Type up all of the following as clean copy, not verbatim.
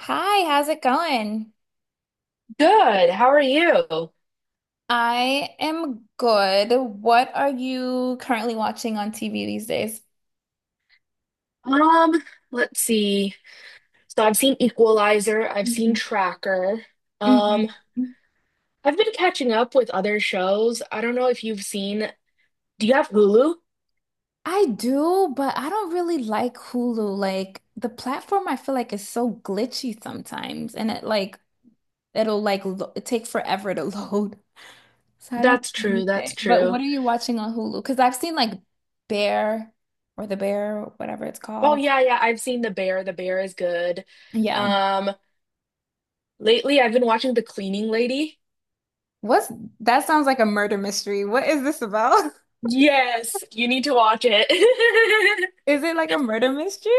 Hi, how's it going? Good. How are you? I am good. What are you currently watching on TV these days? Um, let's see. So I've seen Equalizer, I've seen Mhm, Tracker. Um, mhm. I've been catching up with other shows. I don't know if you've seen. Do you have Hulu? I do, but I don't really like Hulu. Like the platform I feel like is so glitchy sometimes and it like it'll like lo it take forever to load. So I don't That's really true, use that's it. But true. what are you watching on Hulu? Because I've seen like Bear or The Bear, whatever it's Oh called. yeah, yeah, I've seen The Bear. The Bear is good. Yeah. Um, Lately I've been watching The Cleaning Lady. What's That sounds like a murder mystery. What is this about? Yes, you need to watch it. Is it like a murder mystery?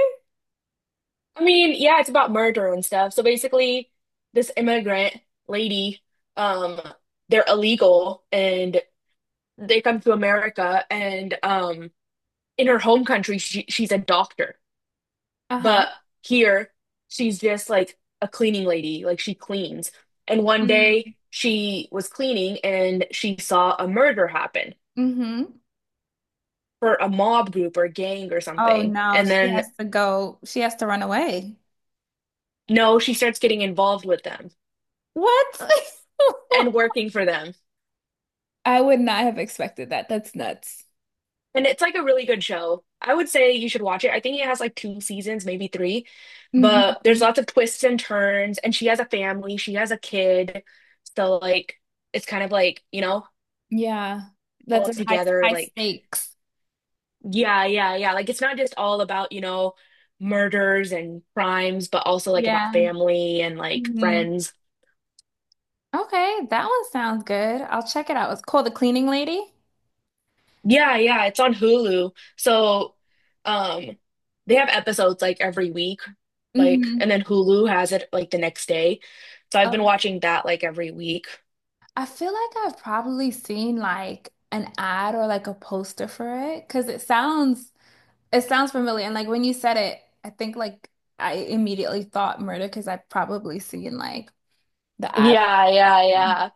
I mean, yeah, it's about murder and stuff. So basically, this immigrant lady, um, they're illegal and they come to America and in her home country she's a doctor. Uh-huh. But here she's just like a cleaning lady, like she cleans. And one day Mm, she was cleaning and she saw a murder happen hmm. for a mob group or gang or Oh something. no, And she then has to go. She has to run away. no, she starts getting involved with them What? and working for them. I would not have expected that. That's nuts. And it's like a really good show. I would say you should watch it. I think it has like two seasons, maybe three, but there's Mhm. lots of twists and turns. And she has a family, she has a kid. So, like, it's kind of like Yeah. That's all a high together. high Like, stakes. yeah, yeah, yeah. Like, it's not just all about murders and crimes, but also like about Yeah. family and like friends. Okay, that one sounds good. I'll check it out. It's called The Cleaning Lady. Yeah, yeah, it's on Hulu. So, um, they have episodes like every week, like, and Mm-hmm. then Hulu has it like the next day. So I've Oh, been watching that like every week. I feel like I've probably seen like an ad or like a poster for it because it sounds familiar. And like when you said it, I think like I immediately thought murder because I've probably seen like the ad. Yeah, yeah, Yeah. yeah.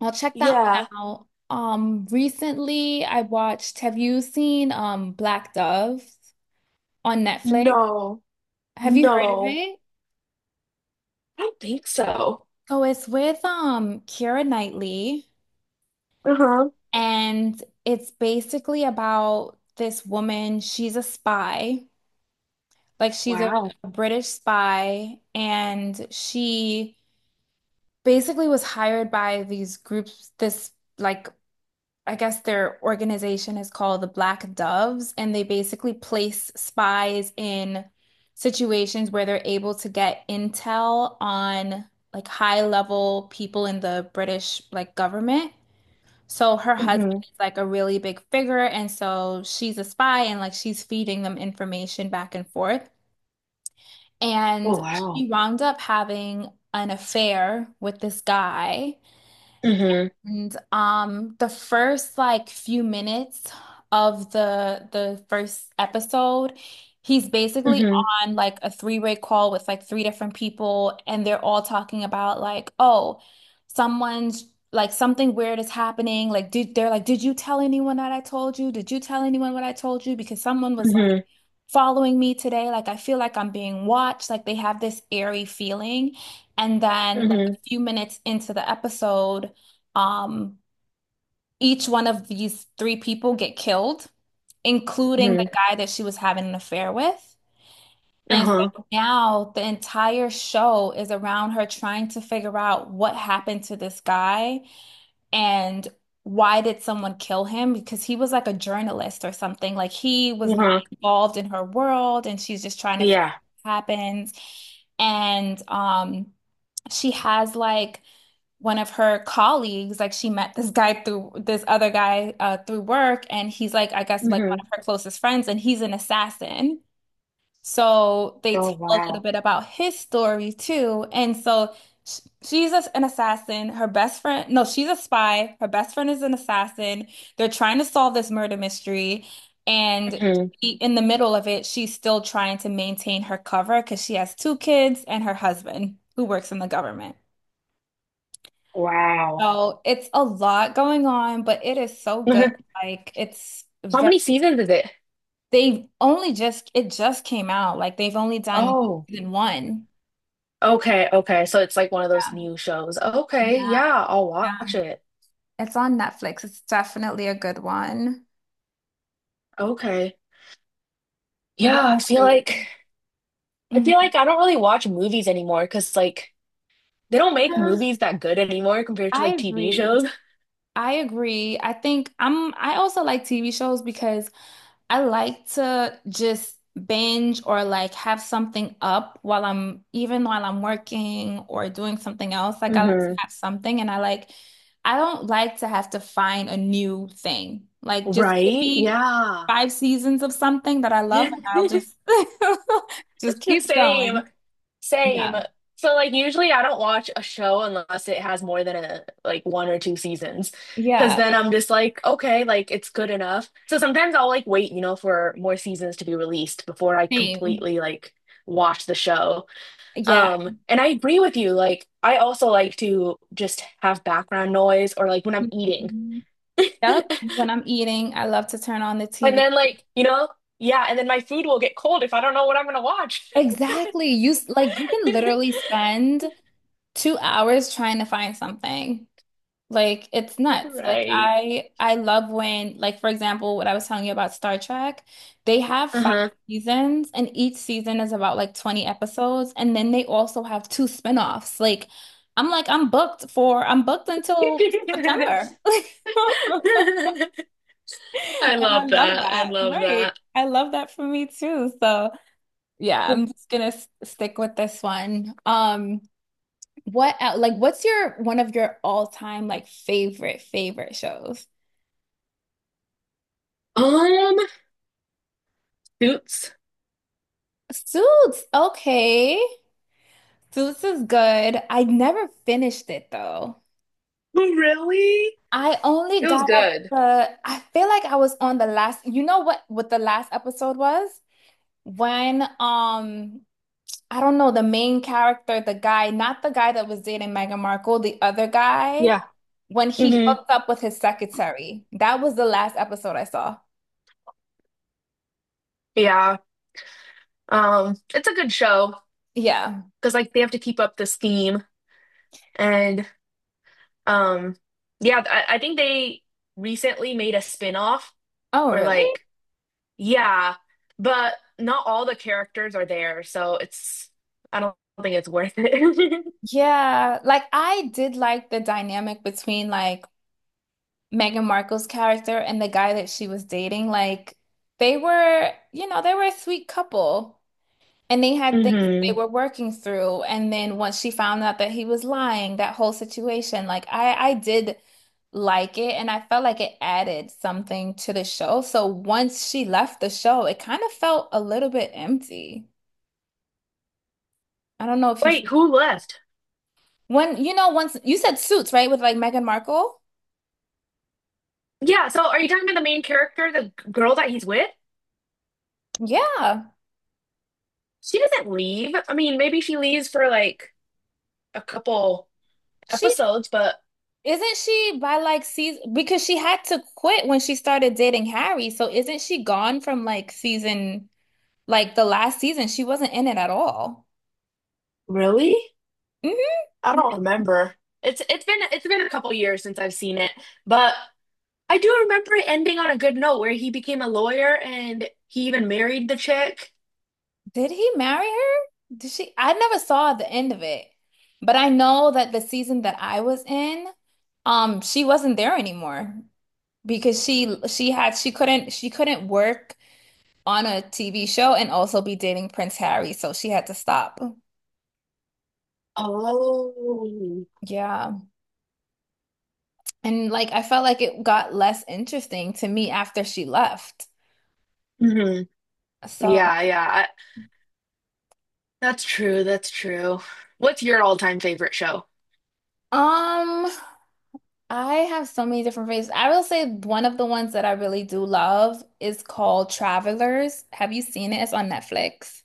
I'll check that one Yeah. out. Recently I watched, have you seen Black Dove on Netflix? No, Have you heard of no, it? I don't think so. So it's with Keira Knightley, Uh-huh. and it's basically about this woman. She's a spy, like Wow. a British spy, and she basically was hired by these groups. This like I guess their organization is called the Black Doves, and they basically place spies in situations where they're able to get intel on like high level people in the British like government. So her husband Mm-hmm. is like a really big figure, and so she's a spy and like she's feeding them information back and forth. Oh, And wow. she wound up having an affair with this guy Mm-hmm. and the first like few minutes of the first episode, he's basically Mm-hmm. on like a three-way call with like three different people, and they're all talking about like, oh, someone's like something weird is happening. Like, did you tell anyone that I told you? Did you tell anyone what I told you? Because someone was Mm-hmm. following me today. Like I feel like I'm being watched. Like they have this airy feeling. And then like Mm-hmm. a few minutes into the episode, um, each one of these three people get killed, including Mm-hmm. the guy that she was having an affair with. And Uh-huh. so now the entire show is around her trying to figure out what happened to this guy and why did someone kill him? Because he was like a journalist or something. Like he was not Uh-huh. involved in her world and she's just trying to figure out Yeah. what happens. And she has like one of her colleagues, like she met this guy through this other guy through work and he's like I guess like one Mm-hmm. of her closest friends and he's an assassin. So they Oh, tell a little wow. bit about his story too. And so sh- she's a- an assassin. Her best friend, no, she's a spy. Her best friend is an assassin. They're trying to solve this murder mystery. And Mm-hmm. In the middle of it, she's still trying to maintain her cover because she has two kids and her husband who works in the government. Wow. So it's a lot going on, but it is so How good. Like it's very, many seasons is it? they've only just, it just came out. Like they've only done Oh, season one. okay, okay. So it's like one of those new shows. Yeah, Okay, it- yeah, I'll yeah. watch it. It's on Netflix. It's definitely a good one. Okay. What Yeah, I feel about like you? Mhm. I don't really watch movies anymore because like they don't make Yeah, movies that good anymore compared to I like TV agree. shows. I agree. I think I'm I also like TV shows because I like to just binge or like have something up while I'm even while I'm working or doing something else. Like I like to hmm have something and I don't like to have to find a new thing. Like just give Right? me Yeah. five seasons of something that I love and I'll just just keep Same. going. Same. Yeah. So like usually I don't watch a show unless it has more than a like one or two seasons. Because Yeah. then I'm just like, okay, like it's good enough. So sometimes I'll like wait, you know, for more seasons to be released before I Same. completely like watch the show. Yeah. And I agree with you. Like I also like to just have background noise or like when I'm eating. Mhm. Yep. When I'm eating, I love to turn on the And TV. then like, you know, yeah, and then my food will get cold if I don't know what I'm gonna watch. Exactly. Like you can literally spend 2 hours trying to find something. Like it's nuts. Like Right. I love when like for example what I was telling you about Star Trek, they have five Uh-huh. seasons and each season is about like 20 episodes and then they also have two spin-offs. Like I'm booked until September. I And love I love that. I that. love that. Right. I love that for me too. So yeah, I'm just gonna stick with this one. What's your one of your all-time like favorite shows? Um, Suits. Suits. Okay. Suits is good. I never finished it though. Really? I only It was got up good. to I feel like I was on the last, you know what the last episode was? When I don't know the main character, the guy, not the guy that was dating Meghan Markle, the other guy, Yeah. when he hmm hooked up with his secretary. That was the last episode I saw. Yeah. It's a good show Yeah. because like they have to keep up this theme and um yeah, I think they recently made a spin-off Oh, or really? like yeah, but not all the characters are there, so it's I don't think it's worth it. Yeah, like I did like the dynamic between like Meghan Markle's character and the guy that she was dating. Like they were, you know, they were a sweet couple and they had things that they hmm were working through. And then once she found out that he was lying, that whole situation, like I did like it and I felt like it added something to the show. So once she left the show, it kind of felt a little bit empty. I don't know if you, Wait, who left? when you know once you said Suits, right? With like Meghan Markle. Yeah, so are you talking about the main character, the girl that he's with? Yeah. She doesn't leave. I mean, maybe she leaves for like a couple She episodes, but Isn't she by like season, because she had to quit when she started dating Harry. So isn't she gone from like season like the last season? She wasn't in it at all. really? Hmm. I don't remember. It's been a couple years since I've seen it. But I do remember it ending on a good note where he became a lawyer and he even married the chick. Did he marry her? Did she? I never saw the end of it. But I know that the season that I was in, she wasn't there anymore because she couldn't work on a TV show and also be dating Prince Harry, so she had to stop. Oh. Yeah. And like I felt like it got less interesting to me after she left. hmm So, Yeah, yeah. That's true. That's true. What's your all-time favorite show? um, I have so many different favorites. I will say one of the ones that I really do love is called Travelers. Have you seen it? It's on Netflix.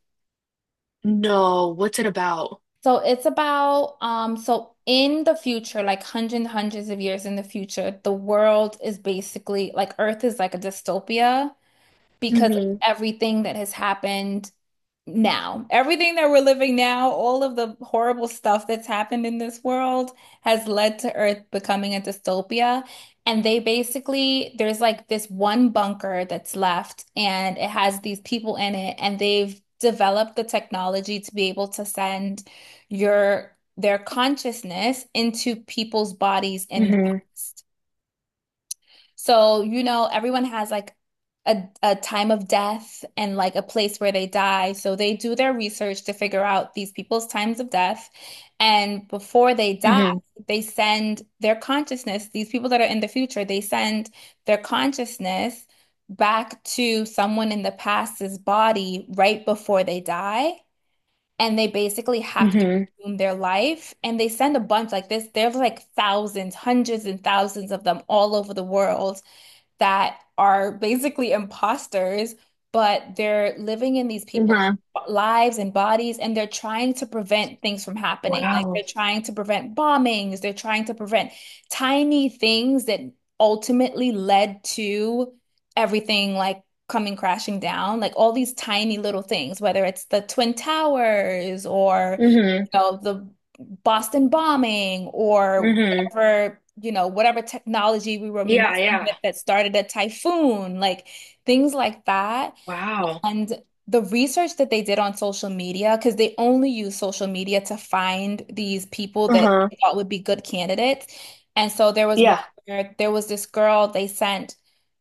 No, what's it about? So it's about so in the future, like hundreds of years in the future, the world is basically like Earth is like a dystopia because of Hmm everything that has happened now. Everything that we're living now, all of the horrible stuff that's happened in this world has led to Earth becoming a dystopia. And they basically, there's like this one bunker that's left, and it has these people in it, and they've developed the technology to be able to send your their consciousness into people's bodies in the hmm past. So, you know, everyone has like a time of death and like a place where they die. So they do their research to figure out these people's times of death. And before they die, hmm they send their consciousness, these people that are in the future, they send their consciousness back to someone in the past's body right before they die. And they basically have to Mhm. resume their life. And they send a bunch like this. There's like thousands, hundreds and thousands of them all over the world that are basically imposters, but they're living in these people's Mhm. lives and bodies, and they're trying to prevent things from happening. Like Wow. they're trying to prevent bombings, they're trying to prevent tiny things that ultimately led to everything like coming crashing down, like all these tiny little things, whether it's the Twin Towers or, Mhm. you know, the Boston bombing or Mhm. whatever, you know, whatever technology we were Yeah, messing with yeah. that started a typhoon, like things like that. Wow. And the research that they did on social media, because they only use social media to find these people that Uh-huh. they thought would be good candidates. And so there was one Yeah. where there was this girl they sent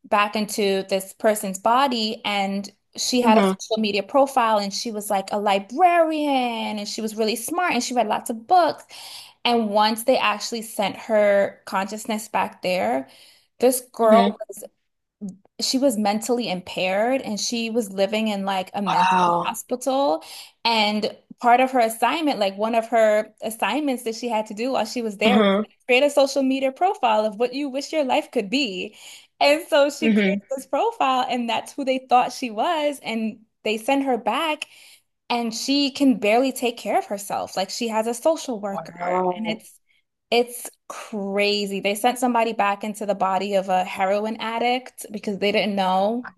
back into this person's body, and she had a Mhm. social media profile, and she was like a librarian, and she was really smart, and she read lots of books. And once they actually sent her consciousness back there, this girl Mhm. was she was mentally impaired and she was living in like a mental Wow. hospital. And part of her assignment, like one of her assignments that she had to do while she was there was Uh-huh. create a social media profile of what you wish your life could be. And so she created Mhm. this profile, and that's who they thought she was. And they sent her back and she can barely take care of herself. Like she has a social worker, and Wow. It's crazy. They sent somebody back into the body of a heroin addict because they didn't know.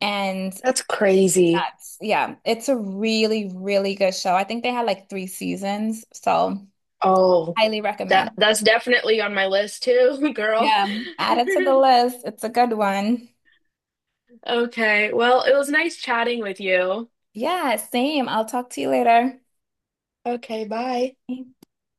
And That's crazy. that's, yeah, it's a really, really good show. I think they had like three seasons, so Oh, highly that recommend. that's definitely on my list too, girl. Yeah, add it to the list. It's a good one. Okay. Well, it was nice chatting with you. Yeah, same. I'll talk to you later. Okay, bye.